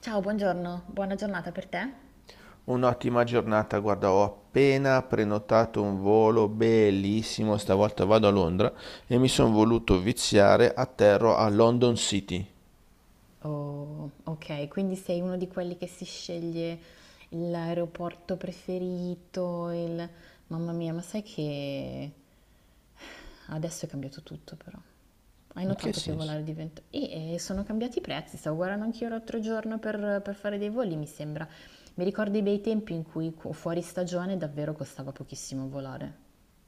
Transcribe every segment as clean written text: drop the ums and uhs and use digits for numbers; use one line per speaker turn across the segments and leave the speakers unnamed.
Ciao, buongiorno, buona giornata per te.
Un'ottima giornata, guarda, ho appena prenotato un volo bellissimo, stavolta vado a Londra e mi sono voluto viziare, atterro a London City. In
Oh, ok, quindi sei uno di quelli che si sceglie l'aeroporto preferito. Mamma mia, ma sai che adesso è cambiato tutto però. Hai
che
notato che
senso?
volare diventa. Sono cambiati i prezzi, stavo guardando anch'io l'altro giorno per fare dei voli, mi sembra. Mi ricordo i bei tempi in cui fuori stagione davvero costava pochissimo volare.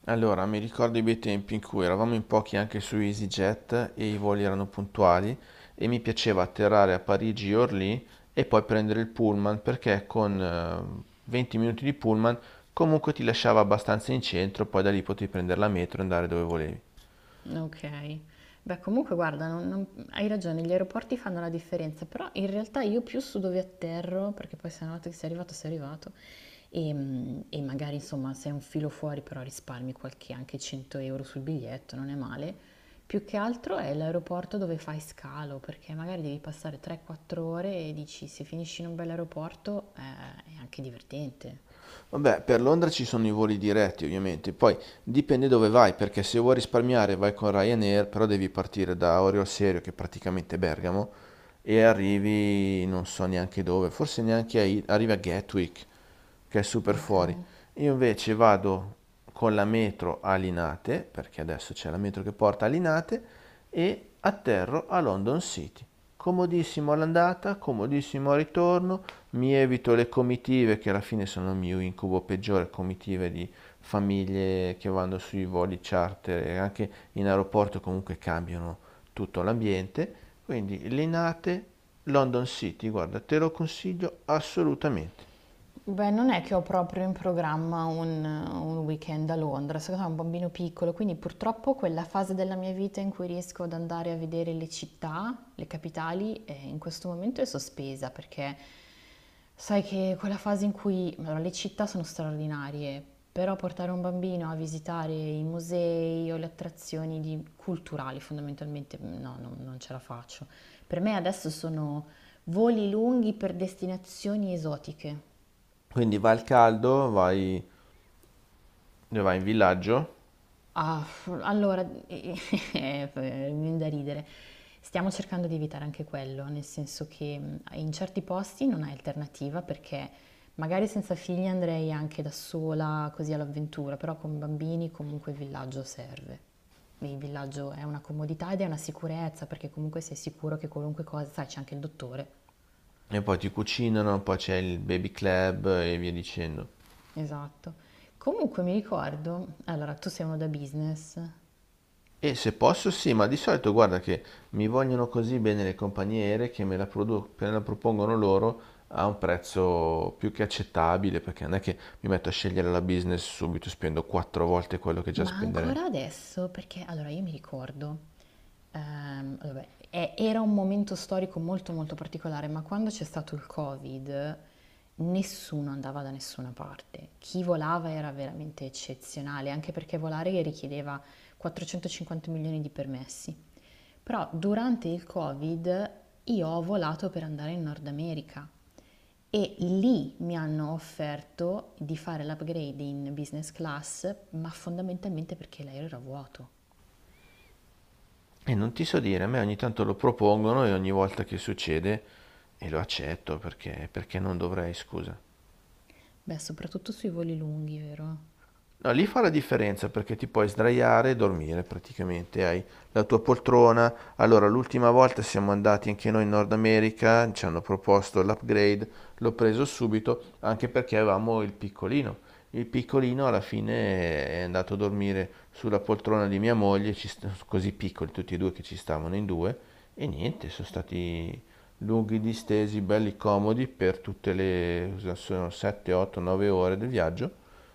Allora, mi ricordo i bei tempi in cui eravamo in pochi anche su EasyJet e i voli erano puntuali e mi piaceva atterrare a Parigi e Orly e poi prendere il pullman perché con 20 minuti di pullman comunque ti lasciava abbastanza in centro, poi da lì potevi prendere la metro e andare dove volevi.
Okay. Beh, comunque guarda, non hai ragione, gli aeroporti fanno la differenza, però in realtà io più su dove atterro, perché poi se una volta che sei arrivato, e magari insomma sei un filo fuori, però risparmi qualche anche 100 euro sul biglietto, non è male. Più che altro è l'aeroporto dove fai scalo, perché magari devi passare 3-4 ore e dici se finisci in un bel aeroporto, è anche divertente.
Vabbè, per Londra ci sono i voli diretti ovviamente, poi dipende dove vai, perché se vuoi risparmiare vai con Ryanair, però devi partire da Orio al Serio, che è praticamente Bergamo, e arrivi non so neanche dove, forse neanche arrivi a Gatwick, che è super fuori.
Okay.
Io invece vado con la metro a Linate, perché adesso c'è la metro che porta a Linate, e atterro a London City. Comodissimo all'andata, comodissimo al ritorno, mi evito le comitive che alla fine sono il mio incubo peggiore, comitive di famiglie che vanno sui voli charter e anche in aeroporto comunque cambiano tutto l'ambiente. Quindi Linate, London City, guarda, te lo consiglio assolutamente.
Beh, non è che ho proprio in programma un weekend a Londra, secondo me è un bambino piccolo, quindi purtroppo quella fase della mia vita in cui riesco ad andare a vedere le città, le capitali, in questo momento è sospesa perché sai che quella fase in cui allora, le città sono straordinarie, però portare un bambino a visitare i musei o le attrazioni culturali fondamentalmente no, non ce la faccio. Per me adesso sono voli lunghi per destinazioni esotiche.
Quindi vai al caldo, vai, vai in villaggio
Ah, allora, mi viene da ridere. Stiamo cercando di evitare anche quello, nel senso che in certi posti non hai alternativa perché magari senza figli andrei anche da sola così all'avventura, però con bambini comunque il villaggio serve. Il villaggio è una comodità ed è una sicurezza perché comunque sei sicuro che qualunque cosa, sai, c'è anche il dottore.
e poi ti cucinano, poi c'è il baby club e via dicendo.
Esatto. Comunque mi ricordo, allora tu sei uno da business.
E se posso sì, ma di solito guarda che mi vogliono così bene le compagnie aeree che me la, me la propongono loro a un prezzo più che accettabile, perché non è che mi metto a scegliere la business subito, spendo quattro volte quello che già
Ma
spenderei.
ancora adesso, perché allora io mi ricordo, vabbè, era un momento storico molto molto particolare, ma quando c'è stato il Covid nessuno andava da nessuna parte. Chi volava era veramente eccezionale, anche perché volare richiedeva 450 milioni di permessi. Però durante il Covid io ho volato per andare in Nord America e lì mi hanno offerto di fare l'upgrade in business class, ma fondamentalmente perché l'aereo era vuoto.
E non ti so dire, a me ogni tanto lo propongono e ogni volta che succede e lo accetto perché, perché non dovrei, scusa.
Beh, soprattutto sui voli lunghi, vero?
No, lì fa la differenza perché ti puoi sdraiare e dormire praticamente, hai la tua poltrona. Allora, l'ultima volta siamo andati anche noi in Nord America, ci hanno proposto l'upgrade, l'ho preso subito anche perché avevamo il piccolino. Il piccolino alla fine è andato a dormire sulla poltrona di mia moglie, così piccoli tutti e due che ci stavano in due, e niente, sono stati lunghi distesi, belli comodi per tutte le cosa sono 7, 8, 9 ore del viaggio.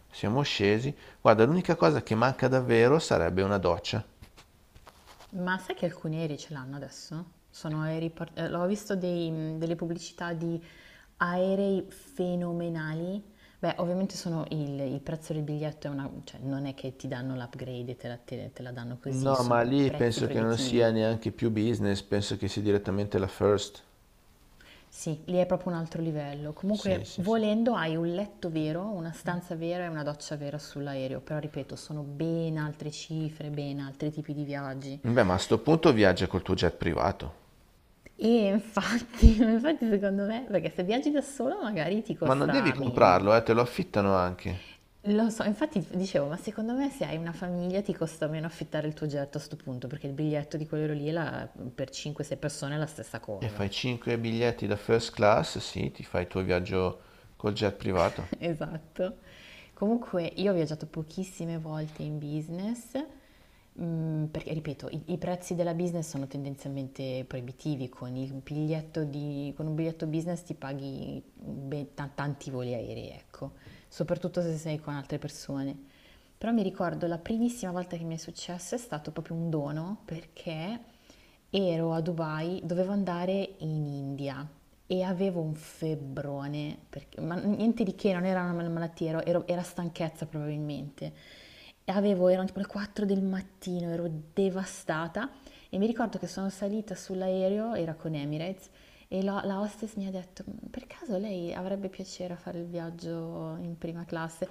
Siamo scesi. Guarda, l'unica cosa che manca davvero sarebbe una doccia.
Ma sai che alcuni aerei ce l'hanno adesso? Sono aerei, ho visto delle pubblicità di aerei fenomenali. Beh, ovviamente sono il prezzo del biglietto è una, cioè non è che ti danno l'upgrade e te la danno così,
No, ma
sono
lì
prezzi
penso che non sia
proibitivi.
neanche più business, penso che sia direttamente la first.
Sì, lì è proprio un altro livello.
Sì,
Comunque,
sì, sì.
volendo, hai un letto vero, una stanza vera e una doccia vera sull'aereo, però ripeto, sono ben altre cifre, ben altri tipi di viaggi.
Beh, ma a sto punto viaggia col tuo jet privato.
E infatti, infatti secondo me, perché se viaggi da solo magari ti
Ma non devi
costa meno.
comprarlo, te lo affittano anche.
Lo so, infatti dicevo, ma secondo me se hai una famiglia ti costa meno affittare il tuo jet a sto punto, perché il biglietto di quello lì è la- per 5-6 persone è la stessa
E
cosa.
fai 5 biglietti da first class, sì, ti fai il tuo viaggio col jet privato.
Esatto. Comunque io ho viaggiato pochissime volte in business, perché ripeto, i prezzi della business sono tendenzialmente proibitivi, con il con un biglietto business ti paghi tanti voli aerei, ecco, soprattutto se sei con altre persone. Però mi ricordo la primissima volta che mi è successo è stato proprio un dono perché ero a Dubai, dovevo andare in India e avevo un febbrone, ma niente di che, non era una malattia, era stanchezza probabilmente. E avevo, erano tipo le 4 del mattino, ero devastata e mi ricordo che sono salita sull'aereo, era con Emirates, e la hostess mi ha detto, "Mm, per caso lei avrebbe piacere a fare il viaggio in prima classe?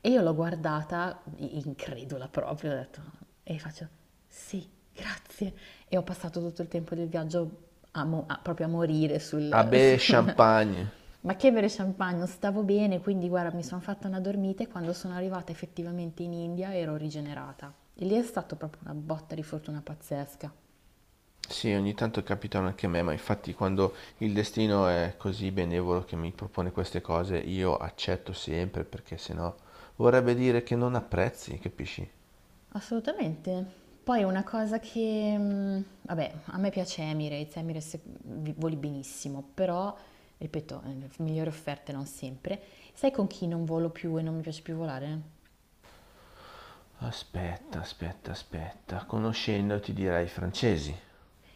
E io l'ho guardata, incredula proprio, ho detto, e faccio, sì, grazie. E ho passato tutto il tempo del viaggio proprio a morire sul,
Ah beh,
sul-
champagne.
Ma che bere champagne, non stavo bene, quindi guarda, mi sono fatta una dormita e quando sono arrivata effettivamente in India ero rigenerata. E lì è stata proprio una botta di fortuna pazzesca.
Sì, ogni tanto capitano anche a me, ma infatti quando il destino è così benevolo che mi propone queste cose, io accetto sempre perché sennò vorrebbe dire che non apprezzi, capisci?
Assolutamente. Poi una cosa che, vabbè, a me piace Emirates, Emirates voli benissimo, però, ripeto, migliori offerte non sempre. Sai con chi non volo più e non mi piace più volare?
Aspetta, aspetta, aspetta, conoscendo ti direi francesi.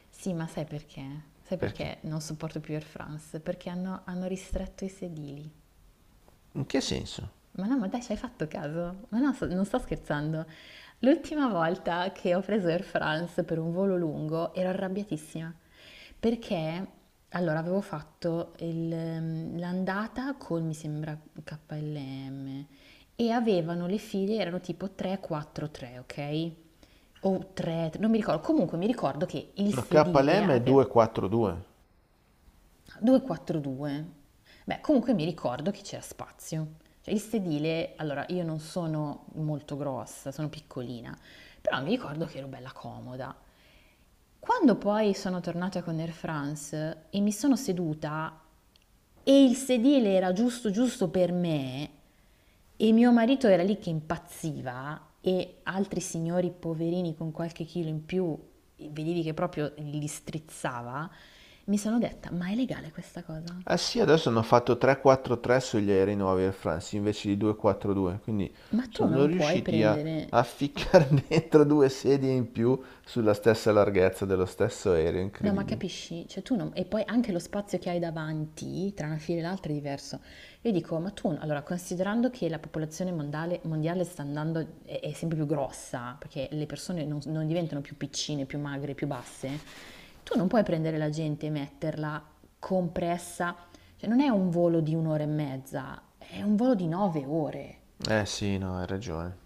Sì, ma sai perché? Sai
Perché?
perché non sopporto più Air France? Perché hanno ristretto i sedili.
In che senso?
Ma no, ma dai, ci hai fatto caso? Ma no, non sto scherzando. L'ultima volta che ho preso Air France per un volo lungo ero arrabbiatissima perché allora avevo fatto l'andata con mi sembra KLM e avevano le file erano tipo 3-4-3, ok? O 3, non mi ricordo. Comunque mi ricordo che il
La
sedile
KLM è
aveva
242.
2-4-2. Beh, comunque mi ricordo che c'era spazio. Cioè, il sedile, allora io non sono molto grossa, sono piccolina, però mi ricordo che ero bella comoda. Quando poi sono tornata con Air France e mi sono seduta e il sedile era giusto giusto per me e mio marito era lì che impazziva e altri signori poverini con qualche chilo in più, vedevi che proprio li strizzava, mi sono detta, ma è legale questa cosa?
Eh sì, adesso hanno fatto 3-4-3 sugli aerei nuovi Air France invece di 2-4-2, quindi
Ma tu
sono
non puoi
riusciti a,
prendere...
a ficcare dentro due sedie in più sulla stessa larghezza dello stesso aereo,
No, ma
incredibile.
capisci? Cioè tu non... E poi anche lo spazio che hai davanti, tra una fila e l'altra, è diverso. Io dico, ma tu... Allora, considerando che la popolazione mondiale, sta andando... È, è sempre più grossa, perché le persone non diventano più piccine, più magre, più basse, tu non puoi prendere la gente e metterla compressa... Cioè non è un volo di un'ora e mezza, è un volo di 9 ore.
Eh sì, no, hai ragione.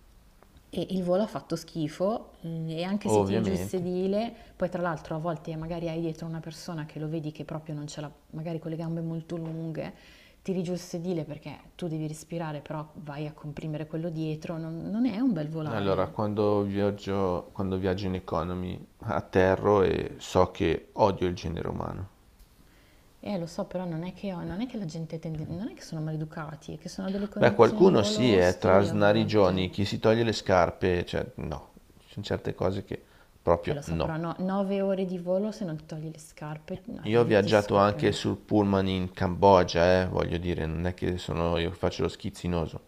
E il volo ha fatto schifo e anche se tiri giù il
Ovviamente.
sedile, poi tra l'altro a volte magari hai dietro una persona che lo vedi che proprio non ce l'ha, magari con le gambe molto lunghe, tiri giù il sedile perché tu devi respirare, però vai a comprimere quello dietro, non è un bel
Allora,
volare.
quando viaggio in economy atterro e so che odio il genere umano.
Lo so, però non è che, non è che la gente tende, non è che sono maleducati, è che sono delle
Beh,
condizioni di
qualcuno
volo
sì, è tra
ostili a volte.
snarigioni, chi si toglie le scarpe, cioè no, ci sono certe cose che
E
proprio
lo so,
no.
però no, 9 ore di volo se non ti togli le scarpe,
Io ho
arrivi e ti
viaggiato
scoppiano
anche
i-
sul pullman in Cambogia, voglio dire, non è che sono io che faccio lo schizzinoso.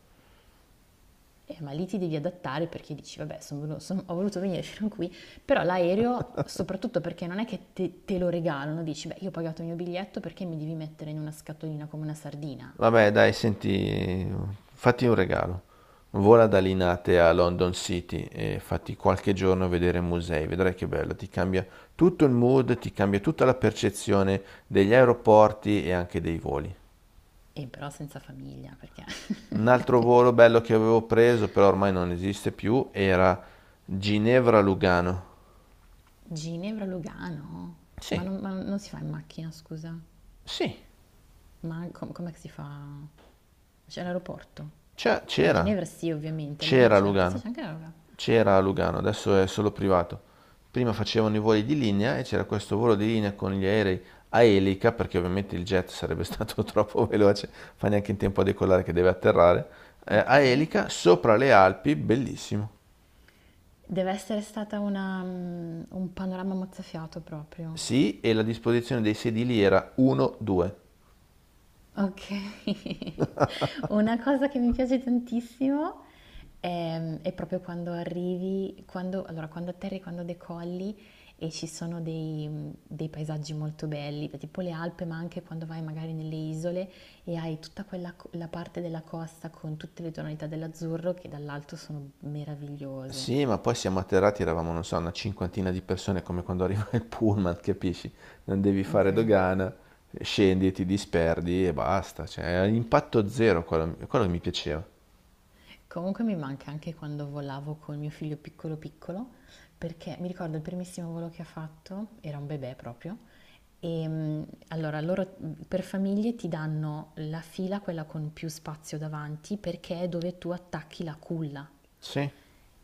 Ma lì ti devi adattare perché dici, vabbè, ho voluto venire fino qui, però l'aereo, soprattutto perché non è che te, te lo regalano, dici, beh, io ho pagato il mio biglietto perché mi devi mettere in una scatolina come una sardina,
Vabbè, dai, senti, fatti un regalo. Vola da Linate a London City e fatti qualche giorno vedere musei, vedrai che bello, ti cambia tutto il mood, ti cambia tutta la percezione degli aeroporti e anche dei voli.
e però senza famiglia, perché
Un altro volo bello che avevo preso, però ormai non esiste più, era Ginevra-Lugano.
Ginevra, Lugano, ma
Sì,
non, ma non si fa in macchina, scusa,
sì,
ma com'è che si fa? C'è l'aeroporto? Ma a
C'era,
Ginevra sì, ovviamente, a Lugano
c'era a
c'è, sì,
Lugano,
c'è anche la Lugano,
c'era a Lugano, adesso è solo privato. Prima facevano i voli di linea e c'era questo volo di linea con gli aerei a elica, perché ovviamente il jet sarebbe stato troppo veloce, fa neanche in tempo a decollare che deve atterrare,
ok.
a elica sopra le Alpi, bellissimo.
Deve essere stata un panorama mozzafiato proprio.
Sì, e la disposizione dei sedili era 1-2.
Okay. Una cosa che mi piace tantissimo, è proprio quando arrivi quando allora, quando atterri, quando decolli e ci sono dei paesaggi molto belli, beh, tipo le Alpi, ma anche quando vai magari nelle isole e hai tutta quella co la parte della costa con tutte le tonalità dell'azzurro che dall'alto sono meravigliose.
Sì, ma poi siamo atterrati, eravamo, non so, una cinquantina di persone, come quando arriva il pullman, capisci? Non devi fare
Okay.
dogana, scendi e ti disperdi e basta. Cioè, è impatto zero quello, quello che mi piaceva.
Comunque mi manca anche quando volavo con mio figlio piccolo piccolo, perché mi ricordo il primissimo volo che ha fatto, era un bebè proprio, e allora loro per famiglie ti danno la fila, quella con più spazio davanti, perché è dove tu attacchi la culla
Sì,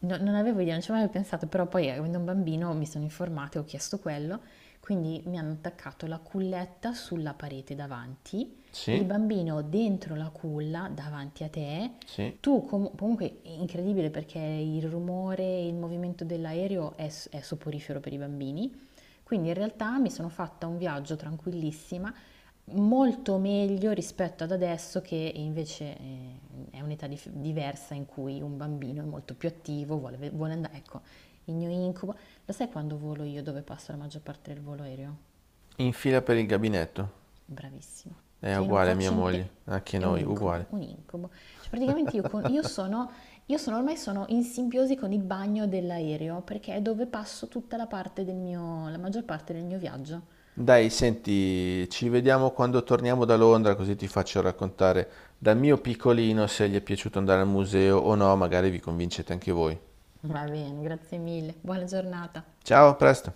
non avevo idea, non ci avevo mai pensato, però poi avendo un bambino mi sono informata e ho chiesto quello, quindi mi hanno attaccato la culletta sulla parete davanti, il
sì,
bambino dentro la culla davanti a te,
sì.
tu comunque è incredibile perché il rumore e il movimento dell'aereo è soporifero per i bambini, quindi in realtà mi sono fatta un viaggio tranquillissima molto meglio rispetto ad adesso che invece è un'età diversa in cui un bambino è molto più attivo, vuole andare, ecco, il mio incubo. Lo sai quando volo io dove passo la maggior parte del volo aereo?
In fila per il gabinetto.
Bravissimo.
È
Cioè io non
uguale a mia
faccio in te,
moglie, anche
è un
noi,
incubo,
uguale.
un incubo. Cioè praticamente io sono ormai sono in simbiosi con il bagno dell'aereo perché è dove passo tutta la parte del mio, la maggior parte del mio viaggio.
Dai, senti, ci vediamo quando torniamo da Londra, così ti faccio raccontare dal mio piccolino se gli è piaciuto andare al museo o no, magari vi convincete anche voi.
Va bene, grazie mille, buona giornata.
Ciao, a presto!